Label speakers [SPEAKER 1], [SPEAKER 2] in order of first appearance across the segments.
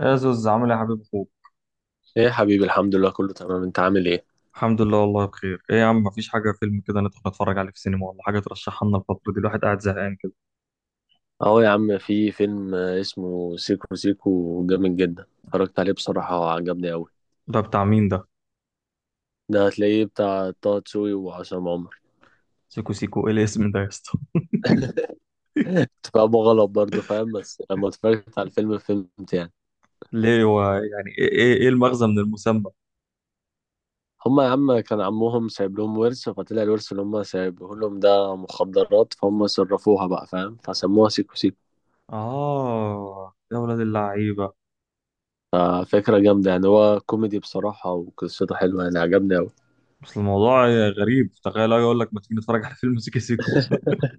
[SPEAKER 1] يا زوز، عامل ايه يا حبيب اخوك؟
[SPEAKER 2] ايه يا حبيبي، الحمد لله، كله تمام. انت عامل ايه؟
[SPEAKER 1] الحمد لله والله بخير. ايه يا عم، مفيش حاجه فيلم كده ندخل نتفرج عليه في السينما، ولا حاجه ترشحها لنا؟ الفتره دي الواحد قاعد زهقان كده.
[SPEAKER 2] اهو يا عم، في فيلم اسمه سيكو سيكو جامد جدا، اتفرجت عليه بصراحة وعجبني قوي.
[SPEAKER 1] ده بتاع مين ده؟
[SPEAKER 2] ده هتلاقيه بتاع طه دسوقي وعصام عمر.
[SPEAKER 1] سيكو سيكو، ايه الاسم ده يا اسطى؟
[SPEAKER 2] اتفاقهم غلط برضه، فاهم؟ بس لما اتفرجت على الفيلم فهمت يعني.
[SPEAKER 1] ليه، هو يعني ايه ايه إيه المغزى من المسمى؟
[SPEAKER 2] هما يا عم كان عمهم سايب لهم ورث، فطلع الورث اللي هما سايبه لهم ده مخدرات، فهم صرفوها بقى، فاهم؟ فسموها سيكو سيكو.
[SPEAKER 1] اه يا ولاد اللعيبه.
[SPEAKER 2] ففكرة جامدة يعني، هو كوميدي بصراحة وقصته حلوة، يعني عجبني أوي.
[SPEAKER 1] بس الموضوع غريب، تخيل أجي اقول لك ما تيجي نتفرج على فيلم سيكو سيكو.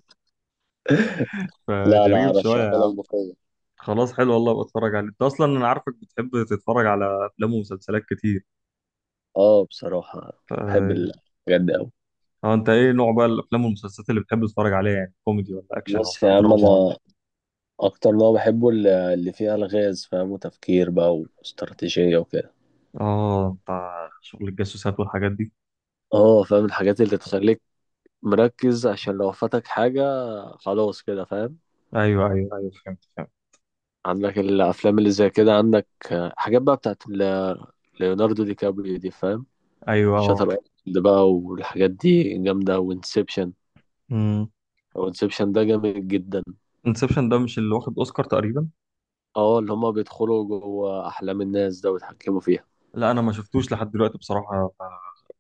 [SPEAKER 2] لا لا،
[SPEAKER 1] فغريب شويه يا
[SPEAKER 2] أرشحهولك
[SPEAKER 1] عم.
[SPEAKER 2] بقوة.
[SPEAKER 1] خلاص حلو والله، بتفرج عليه انت اصلا، انا عارفك بتحب تتفرج على افلام ومسلسلات كتير.
[SPEAKER 2] اه، بصراحة بحب الحاجات دي أوي.
[SPEAKER 1] اه انت ايه نوع بقى الافلام والمسلسلات اللي بتحب تتفرج عليها؟ يعني كوميدي ولا اكشن
[SPEAKER 2] بص يا
[SPEAKER 1] ولا
[SPEAKER 2] عم،
[SPEAKER 1] دراما ولا...
[SPEAKER 2] أنا أكتر نوع بحبه اللي فيها ألغاز، فاهم؟ وتفكير بقى واستراتيجية وكده.
[SPEAKER 1] اه بتاع شغل الجاسوسات والحاجات دي.
[SPEAKER 2] اه فاهم، الحاجات اللي تخليك مركز عشان لو فاتك حاجة، خلاص كده، فاهم.
[SPEAKER 1] ايوه، ايوه، ايوه، فهمت فهمت.
[SPEAKER 2] عندك الأفلام اللي زي كده، عندك حاجات بقى بتاعت ليوناردو دي كابريو دي، فاهم.
[SPEAKER 1] ايوه،
[SPEAKER 2] شاتر
[SPEAKER 1] اه.
[SPEAKER 2] ايلاند بقى والحاجات دي جامدة، وانسبشن.
[SPEAKER 1] امم.
[SPEAKER 2] وانسبشن ده جامد جدا.
[SPEAKER 1] انسبشن ده مش اللي واخد اوسكار تقريبا؟
[SPEAKER 2] اه، اللي هما بيدخلوا جوه أحلام الناس ده ويتحكموا فيها.
[SPEAKER 1] لا انا ما شفتوش لحد دلوقتي بصراحه،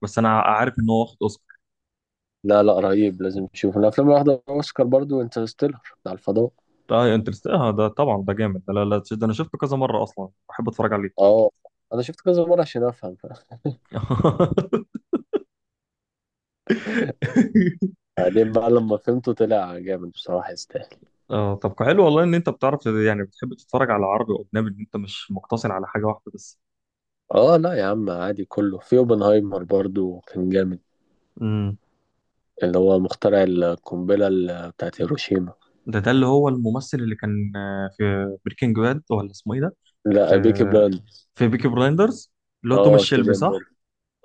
[SPEAKER 1] بس انا عارف ان هو واخد اوسكار.
[SPEAKER 2] لا لا، رهيب، لازم تشوف. من الافلام اللي واخده اوسكار برضو انترستيلر بتاع الفضاء.
[SPEAKER 1] اه انترست، اه ده طبعا ده جامد ده. لا، لا، ده انا شفته كذا مره، اصلا بحب اتفرج عليه.
[SPEAKER 2] اه، انا شفت كذا مره عشان افهم، فاهم. بعدين بقى لما فهمته طلع جامد بصراحه، يستاهل.
[SPEAKER 1] اه طب حلو والله ان انت بتعرف، يعني بتحب تتفرج على عربي واجنبي، ان انت مش مقتصر على حاجه واحده.
[SPEAKER 2] اه لا يا عم، عادي كله. في اوبنهايمر برضو كان جامد،
[SPEAKER 1] بس
[SPEAKER 2] اللي هو مخترع القنبله بتاعت هيروشيما.
[SPEAKER 1] ده اللي هو الممثل اللي كان في بريكنج باد، ولا اسمه ايه ده؟ في
[SPEAKER 2] لا، بيكي بلاند.
[SPEAKER 1] في بيكي بلايندرز، اللي هو توماس
[SPEAKER 2] اه،
[SPEAKER 1] شيلبي
[SPEAKER 2] كيليان
[SPEAKER 1] صح؟
[SPEAKER 2] ميرفي.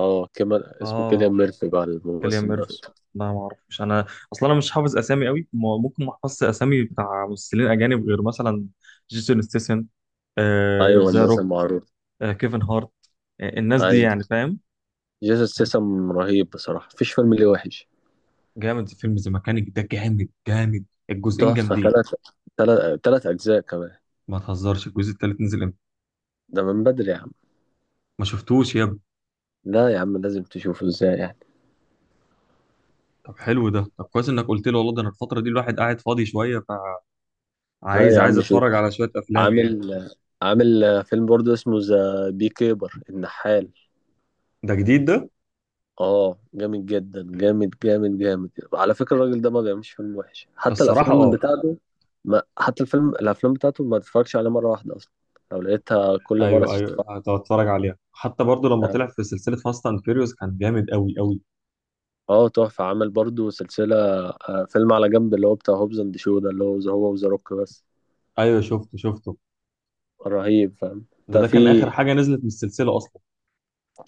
[SPEAKER 2] اه، كمان اسمه كيليان
[SPEAKER 1] اه،
[SPEAKER 2] ميرفي بقى،
[SPEAKER 1] كيليان
[SPEAKER 2] الممثل
[SPEAKER 1] ميرفي.
[SPEAKER 2] نفسه.
[SPEAKER 1] لا ما اعرفش انا، اصلا انا مش حافظ اسامي قوي، ممكن ما احفظش اسامي بتاع ممثلين اجانب، غير مثلا جيسون ستيسن،
[SPEAKER 2] ايوه،
[SPEAKER 1] ذا
[SPEAKER 2] الناس
[SPEAKER 1] روك،
[SPEAKER 2] المعروفه.
[SPEAKER 1] كيفن هارت، الناس دي
[SPEAKER 2] ايوه.
[SPEAKER 1] يعني فاهم.
[SPEAKER 2] جيسون سيسم رهيب بصراحه، مفيش فيلم ليه وحش.
[SPEAKER 1] جامد، فيلم ذا ميكانيك ده جامد جامد، الجزئين
[SPEAKER 2] تحفه.
[SPEAKER 1] جامدين.
[SPEAKER 2] ثلاث، ثلاث 3 أجزاء كمان.
[SPEAKER 1] ما تهزرش، الجزء التالت نزل امتى؟
[SPEAKER 2] ده من بدري يا عم.
[SPEAKER 1] ما شفتوش يا...
[SPEAKER 2] لا يا عم، لازم تشوفه، ازاي يعني.
[SPEAKER 1] طب حلو ده، طب كويس انك قلت لي والله، ده انا الفتره دي الواحد قاعد فاضي شويه،
[SPEAKER 2] لا
[SPEAKER 1] فعايز
[SPEAKER 2] يا
[SPEAKER 1] عايز
[SPEAKER 2] عم، شوف.
[SPEAKER 1] اتفرج على شويه افلام يعني.
[SPEAKER 2] عامل عامل فيلم برضه اسمه ذا بي كيبر النحال.
[SPEAKER 1] ده جديد ده؟
[SPEAKER 2] اه، جامد جدا، جامد جامد جامد. على فكرة الراجل ده ما بيعملش فيلم وحش، حتى
[SPEAKER 1] الصراحه
[SPEAKER 2] الافلام
[SPEAKER 1] اه.
[SPEAKER 2] بتاعته، ما حتى الافلام بتاعته ما تتفرجش عليها مرة واحدة اصلا، لو لقيتها كل مرة
[SPEAKER 1] ايوه، ايوه،
[SPEAKER 2] تتفرج.
[SPEAKER 1] هتفرج عليها. حتى برضو لما طلع في سلسله فاست اند فيريوس كان جامد قوي قوي.
[SPEAKER 2] اه تحفة، عامل برضه سلسلة، فيلم على جنب اللي هو بتاع هوبز اند شو، ده اللي هو وذا روك بس.
[SPEAKER 1] ايوه، شفته شفته.
[SPEAKER 2] رهيب، فاهم.
[SPEAKER 1] ده
[SPEAKER 2] ده
[SPEAKER 1] ده كان اخر
[SPEAKER 2] في
[SPEAKER 1] حاجه نزلت من السلسله اصلا.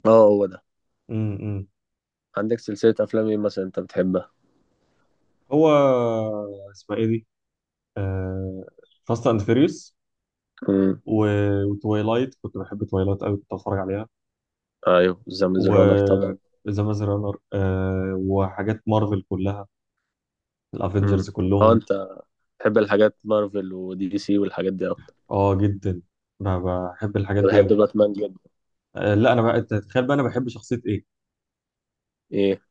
[SPEAKER 2] اه، هو ده.
[SPEAKER 1] امم. إمم.
[SPEAKER 2] عندك سلسلة أفلام إيه مثلا أنت بتحبها؟
[SPEAKER 1] هو اسمها ايه دي؟ آه... فاست اند فيريوس،
[SPEAKER 2] امم.
[SPEAKER 1] و... وتوايلايت، كنت بحب توايلايت قوي، كنت بتفرج عليها.
[SPEAKER 2] أيوه، ذا ميز رانر طبعا.
[SPEAKER 1] و ذا ماز رانر، وحاجات مارفل كلها،
[SPEAKER 2] امم.
[SPEAKER 1] الافنجرز
[SPEAKER 2] أه،
[SPEAKER 1] كلهم.
[SPEAKER 2] أنت بتحب الحاجات مارفل ودي سي والحاجات دي أكتر.
[SPEAKER 1] اه جدا، ب- بحب الحاجات
[SPEAKER 2] أنا
[SPEAKER 1] دي
[SPEAKER 2] بحب
[SPEAKER 1] قوي.
[SPEAKER 2] باتمان جدا.
[SPEAKER 1] لا انا بقى، أنت تتخيل بقى انا بحب شخصيه ايه؟
[SPEAKER 2] إيه؟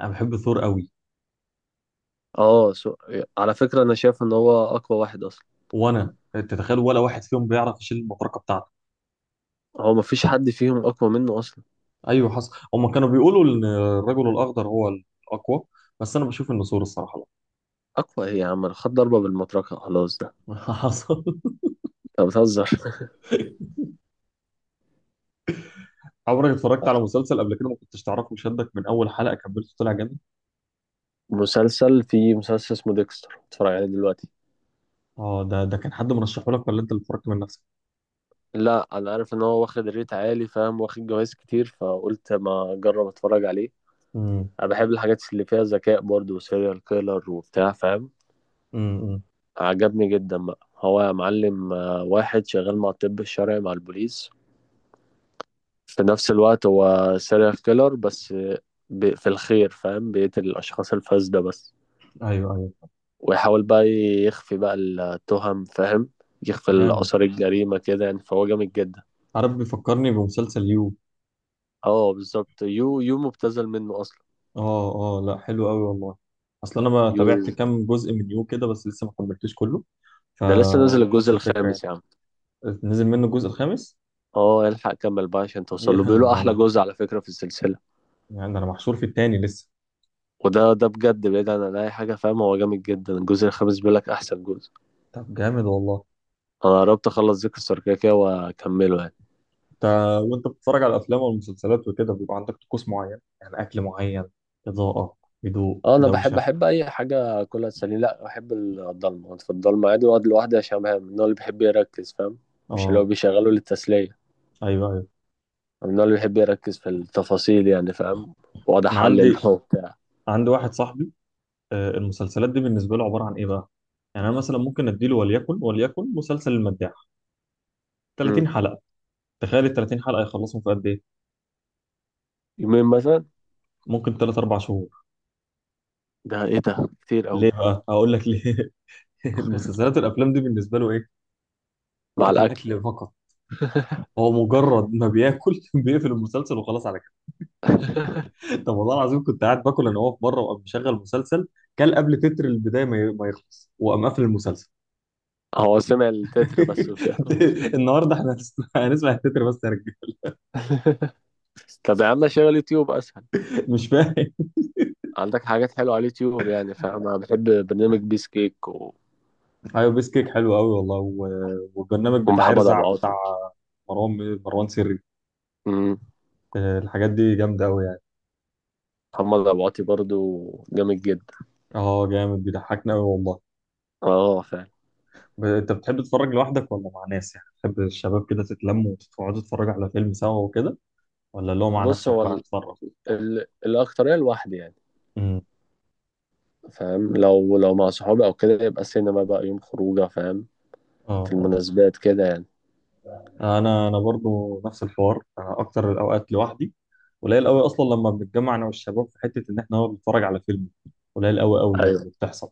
[SPEAKER 1] انا بحب ثور قوي.
[SPEAKER 2] أه سو... على فكرة أنا شايف إن هو أقوى واحد أصلا.
[SPEAKER 1] وانا أنت تتخيل، ولا واحد فيهم بيعرف يشيل المطرقه بتاعته.
[SPEAKER 2] هو مفيش حد فيهم أقوى منه أصلا.
[SPEAKER 1] ايوه حصل، هم كانوا بيقولوا ان الرجل الاخضر هو الاقوى، بس انا بشوف ان ثور الصراحه.
[SPEAKER 2] أقوى إيه يا عم؟ أنا خد ضربة بالمطرقة خلاص ده.
[SPEAKER 1] لا حصل.
[SPEAKER 2] أنت بتهزر.
[SPEAKER 1] عمرك اتفرجت على مسلسل قبل كده ما كنتش تعرفه، شدك من اول حلقه كملته طلع جامد؟
[SPEAKER 2] في مسلسل اسمه ديكستر، بتفرج عليه دلوقتي.
[SPEAKER 1] اه، ده كان حد مرشحه لك ولا انت اللي اتفرجت من نفسك؟
[SPEAKER 2] لا، انا عارف ان هو واخد ريت عالي، فاهم؟ واخد جوائز كتير فقلت ما اجرب اتفرج عليه.
[SPEAKER 1] امم.
[SPEAKER 2] انا بحب الحاجات اللي فيها ذكاء برضو، وسيريال كيلر وبتاع، فاهم.
[SPEAKER 1] امم. أمم.
[SPEAKER 2] عجبني جدا بقى، هو يا معلم واحد شغال مع الطب الشرعي مع البوليس في نفس الوقت، هو سيريال كيلر بس، في الخير، فاهم؟ بيقتل الاشخاص الفاسدة بس،
[SPEAKER 1] ايوه، ايوه،
[SPEAKER 2] ويحاول بقى يخفي بقى التهم، فاهم، يخفي
[SPEAKER 1] جامد.
[SPEAKER 2] اثار الجريمة كده يعني، فهو جامد جدا.
[SPEAKER 1] عارف، بيفكرني بمسلسل يو.
[SPEAKER 2] اه بالظبط، يو. يو مبتذل منه اصلا.
[SPEAKER 1] اه، اه، لا حلو قوي والله، اصل انا ما
[SPEAKER 2] يو،
[SPEAKER 1] تابعت كام جزء من يو كده، بس لسه ما كملتوش كله،
[SPEAKER 2] ده لسه نازل
[SPEAKER 1] فهو
[SPEAKER 2] الجزء
[SPEAKER 1] نفس الفكره يعني.
[SPEAKER 2] الخامس يا عم.
[SPEAKER 1] نزل منه الجزء الخامس؟
[SPEAKER 2] اه، الحق كمل بقى عشان توصل
[SPEAKER 1] يا،
[SPEAKER 2] له، بيقولوا
[SPEAKER 1] ده
[SPEAKER 2] احلى
[SPEAKER 1] انا،
[SPEAKER 2] جزء على فكرة في السلسلة.
[SPEAKER 1] يعني ده انا محشور في التاني لسه.
[SPEAKER 2] وده بجد بعيد عن اي حاجه، فاهم؟ هو جامد جدا، الجزء الخامس، بيقول لك احسن جزء.
[SPEAKER 1] طب جامد والله.
[SPEAKER 2] انا قربت اخلص ذكر الثركاكية واكمله يعني.
[SPEAKER 1] انت وانت بتتفرج على الافلام والمسلسلات وكده بيبقى عندك طقوس معين؟ يعني اكل معين، اضاءه، هدوء،
[SPEAKER 2] اه، انا بحب
[SPEAKER 1] دوشه؟
[SPEAKER 2] احب اي حاجه كلها تسليني. لا بحب الضلمه، أقعد في الضلمه عادي واقعد لوحدي، عشان من النوع اللي بيحب يركز، فاهم. مش اللي هو
[SPEAKER 1] اه،
[SPEAKER 2] بيشغله للتسليه. أنا
[SPEAKER 1] ايوه، ايوه.
[SPEAKER 2] من النوع اللي بيحب يركز في التفاصيل يعني، فاهم، واقعد
[SPEAKER 1] انا
[SPEAKER 2] احلل
[SPEAKER 1] عندي
[SPEAKER 2] وبتاع.
[SPEAKER 1] عندي واحد صاحبي، المسلسلات دي بالنسبه له عباره عن ايه بقى؟ يعني انا مثلا ممكن اديله، وليكن مسلسل المداح،
[SPEAKER 2] أمم.
[SPEAKER 1] 30 حلقه. تخيل ال 30 حلقة يخلصهم في قد إيه؟
[SPEAKER 2] يومين مثلا.
[SPEAKER 1] ممكن 3 4 شهور.
[SPEAKER 2] ده ايه ده؟ كتير قوي.
[SPEAKER 1] ليه بقى؟ هقول لك ليه. المسلسلات والأفلام دي بالنسبة له إيه؟
[SPEAKER 2] مع
[SPEAKER 1] وقت
[SPEAKER 2] الاكل.
[SPEAKER 1] الأكل فقط. هو مجرد ما بياكل بيقفل المسلسل وخلاص على كده. طب والله العظيم، كنت قاعد باكل أنا واقف بره وقام مشغل مسلسل، كان قبل تتر البداية ما يخلص وقام قافل المسلسل.
[SPEAKER 2] هو سمع التتر بس وشافه.
[SPEAKER 1] النهارده احنا هنسمع التتر بس يا رجاله.
[SPEAKER 2] طب يا عم شغل يوتيوب أسهل.
[SPEAKER 1] مش فاهم.
[SPEAKER 2] عندك حاجات حلوة على اليوتيوب يعني، فاهم. أنا بحب برنامج بيس كيك
[SPEAKER 1] ايوه، بيس كيك حلو قوي والله، والبرنامج بتاع
[SPEAKER 2] ومحمد أبو
[SPEAKER 1] ارزع بتاع
[SPEAKER 2] عاطي.
[SPEAKER 1] مروان سري.
[SPEAKER 2] أمم.
[SPEAKER 1] الحاجات دي جامدة قوي.
[SPEAKER 2] محمد أبو عاطي برضو جامد جدا.
[SPEAKER 1] اه جامد بيضحكني قوي والله.
[SPEAKER 2] اه، فاهم.
[SPEAKER 1] انت بتحب تتفرج لوحدك ولا مع ناس؟ يعني تحب الشباب كده تتلموا وتقعدوا تتفرجوا على فيلم سوا وكده، ولا اللي هو مع
[SPEAKER 2] بص،
[SPEAKER 1] نفسك
[SPEAKER 2] هو
[SPEAKER 1] بقى تتفرج وبتاع؟
[SPEAKER 2] الأكترية لوحدي يعني،
[SPEAKER 1] امم.
[SPEAKER 2] فاهم. لو مع صحابي أو كده يبقى سينما بقى، يوم خروجة، فاهم، في
[SPEAKER 1] اه،
[SPEAKER 2] المناسبات كده يعني.
[SPEAKER 1] اه، انا برضو نفس الحوار، انا اكتر الاوقات لوحدي، قليل قوي اصلا لما بنتجمع انا والشباب في حته ان احنا نقعد نتفرج على فيلم، قليل قوي قوي يعني
[SPEAKER 2] أيوه.
[SPEAKER 1] اللي بتحصل،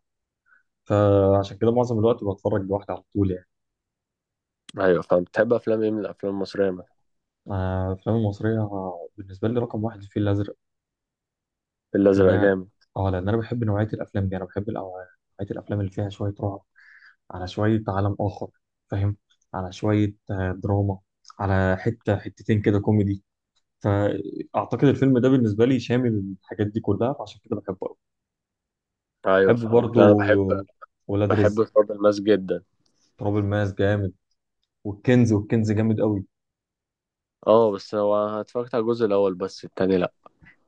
[SPEAKER 1] فعشان كده معظم الوقت بتفرج لوحدي على طول يعني.
[SPEAKER 2] أيوه فاهم. بتحب أفلام إيه من الأفلام المصرية مثلا؟
[SPEAKER 1] الافلام المصريه، بالنسبه لي رقم واحد الفيل الازرق، لان
[SPEAKER 2] الأزرق
[SPEAKER 1] انا،
[SPEAKER 2] جامد.
[SPEAKER 1] اه لان انا بحب نوعيه الافلام دي، انا بحب نوعيه الافلام اللي فيها شويه رعب، على شويه عالم اخر فاهم، على شويه دراما، على حته حتتين كده كوميدي، فاعتقد الفيلم ده بالنسبه لي شامل الحاجات دي كلها، فعشان كده بحبه قوي.
[SPEAKER 2] أيوه
[SPEAKER 1] بحب
[SPEAKER 2] فاهمك. لا أنا بحب،
[SPEAKER 1] برضو ولاد رزق،
[SPEAKER 2] بحب تراب الماس جدا.
[SPEAKER 1] تراب الماس جامد، والكنز جامد قوي.
[SPEAKER 2] اه، بس هو أنا اتفرجت على الجزء الأول بس، التاني لأ.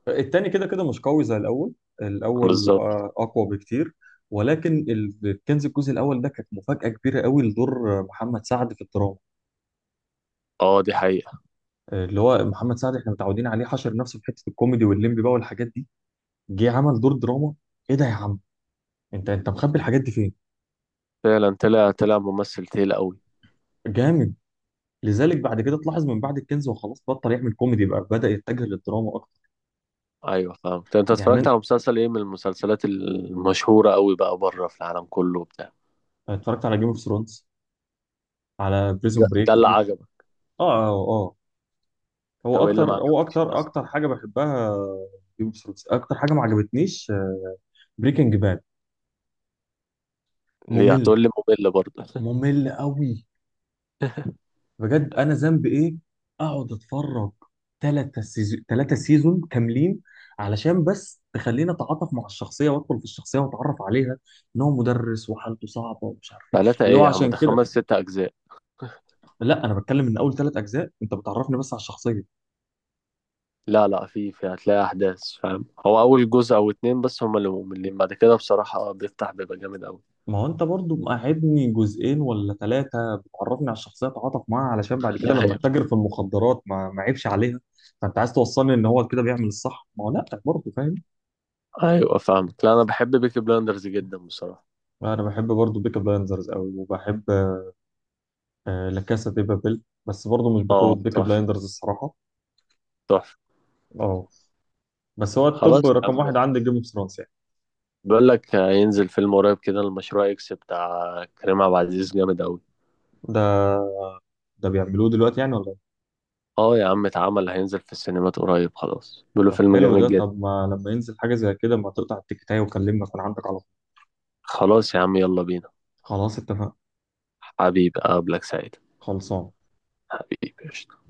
[SPEAKER 1] التاني كده كده مش قوي زي الاول، الاول
[SPEAKER 2] بالظبط.
[SPEAKER 1] اقوى بكتير، ولكن الكنز الجزء الاول ده كانت مفاجاه كبيره قوي لدور محمد سعد في الدراما،
[SPEAKER 2] اه، دي حقيقة.
[SPEAKER 1] اللي هو محمد سعد احنا متعودين عليه حشر نفسه في حته الكوميدي والليمبي بقى والحاجات دي، جه عمل دور دراما، ايه ده يا عم، انت مخبي الحاجات دي فين؟
[SPEAKER 2] فعلا طلع ممثل تقيل قوي.
[SPEAKER 1] جامد. لذلك بعد كده تلاحظ من بعد الكنز وخلاص بطل يعمل كوميدي بقى، بدأ يتجه للدراما اكتر.
[SPEAKER 2] ايوه فاهم. طب انت اتفرجت
[SPEAKER 1] يعني،
[SPEAKER 2] على مسلسل ايه من المسلسلات المشهوره قوي بقى، بره في العالم كله وبتاع؟
[SPEAKER 1] أنا اتفرجت على جيم اوف ثرونز، على
[SPEAKER 2] ده,
[SPEAKER 1] بريزون
[SPEAKER 2] ده
[SPEAKER 1] بريك.
[SPEAKER 2] اللي عجبك؟
[SPEAKER 1] اه، اه، اه،
[SPEAKER 2] طب
[SPEAKER 1] هو
[SPEAKER 2] ايه اللي
[SPEAKER 1] اكتر
[SPEAKER 2] ما
[SPEAKER 1] هو
[SPEAKER 2] عجبكش
[SPEAKER 1] اكتر
[SPEAKER 2] مثلا؟
[SPEAKER 1] اكتر حاجه بحبها. جيم اوف ثرونز اكتر حاجه ما عجبتنيش، بريكنج باد.
[SPEAKER 2] ليه؟
[SPEAKER 1] ممل.
[SPEAKER 2] هتقول لي. ممل برضه؟
[SPEAKER 1] ممل قوي. بجد انا ذنبي ايه؟ اقعد اتفرج ثلاثة سيزون، ثلاثة سيزون كاملين، علشان بس تخليني اتعاطف مع الشخصيه وادخل في الشخصيه واتعرف عليها، ان هو مدرس وحالته صعبه ومش عارف ايه
[SPEAKER 2] ثلاثه
[SPEAKER 1] اللي
[SPEAKER 2] ايه
[SPEAKER 1] هو
[SPEAKER 2] يا عم؟
[SPEAKER 1] عشان
[SPEAKER 2] ده
[SPEAKER 1] كده.
[SPEAKER 2] 5 6 أجزاء.
[SPEAKER 1] لا انا بتكلم، من اول ثلاث اجزاء انت بتعرفني بس على الشخصيه،
[SPEAKER 2] لا لا، في هتلاقي احداث، فاهم، هو اول جزء او 2 بس هما اللي مملين، بعد كده بصراحه بيفتح بيبقى جامد قوي.
[SPEAKER 1] ما هو انت برضو مقعدني جزئين ولا ثلاثه بتعرفني على الشخصيه، اتعاطف معاها علشان بعد كده لما
[SPEAKER 2] ايوه،
[SPEAKER 1] اتاجر في المخدرات ما عيبش عليها. فانت عايز توصلني ان هو كده بيعمل الصح، ما هو لا برضه فاهم.
[SPEAKER 2] ايوه، فاهمك. لا انا بحب بيكي بلاندرز جدا بصراحه.
[SPEAKER 1] انا بحب برضه بيكا بلايندرز قوي، وبحب لا كاسا دي بابل، بس برضه مش بقوة
[SPEAKER 2] اه
[SPEAKER 1] بيكي
[SPEAKER 2] تحفه،
[SPEAKER 1] بلايندرز الصراحة.
[SPEAKER 2] تحفه.
[SPEAKER 1] اه بس هو
[SPEAKER 2] خلاص
[SPEAKER 1] التوب
[SPEAKER 2] يا
[SPEAKER 1] رقم
[SPEAKER 2] عم،
[SPEAKER 1] واحد عندي جيم اوف ثرونز يعني.
[SPEAKER 2] بيقول لك هينزل فيلم قريب كده، المشروع اكس بتاع كريم عبد العزيز، جامد قوي.
[SPEAKER 1] ده ده بيعملوه دلوقتي يعني ولا ايه؟
[SPEAKER 2] اه يا عم، اتعمل، هينزل في السينمات قريب خلاص، بيقولوا
[SPEAKER 1] طب
[SPEAKER 2] فيلم
[SPEAKER 1] حلو
[SPEAKER 2] جامد
[SPEAKER 1] ده،
[SPEAKER 2] جدا.
[SPEAKER 1] طب ما لما ينزل حاجة زي كده ما تقطع التيكتاية وكلمني اكون عندك على طول.
[SPEAKER 2] خلاص يا عم، يلا بينا.
[SPEAKER 1] خلاص، اتفقنا.
[SPEAKER 2] حبيبي، اقابلك سعيد.
[SPEAKER 1] خلصان.
[SPEAKER 2] حبيبي، قشطة.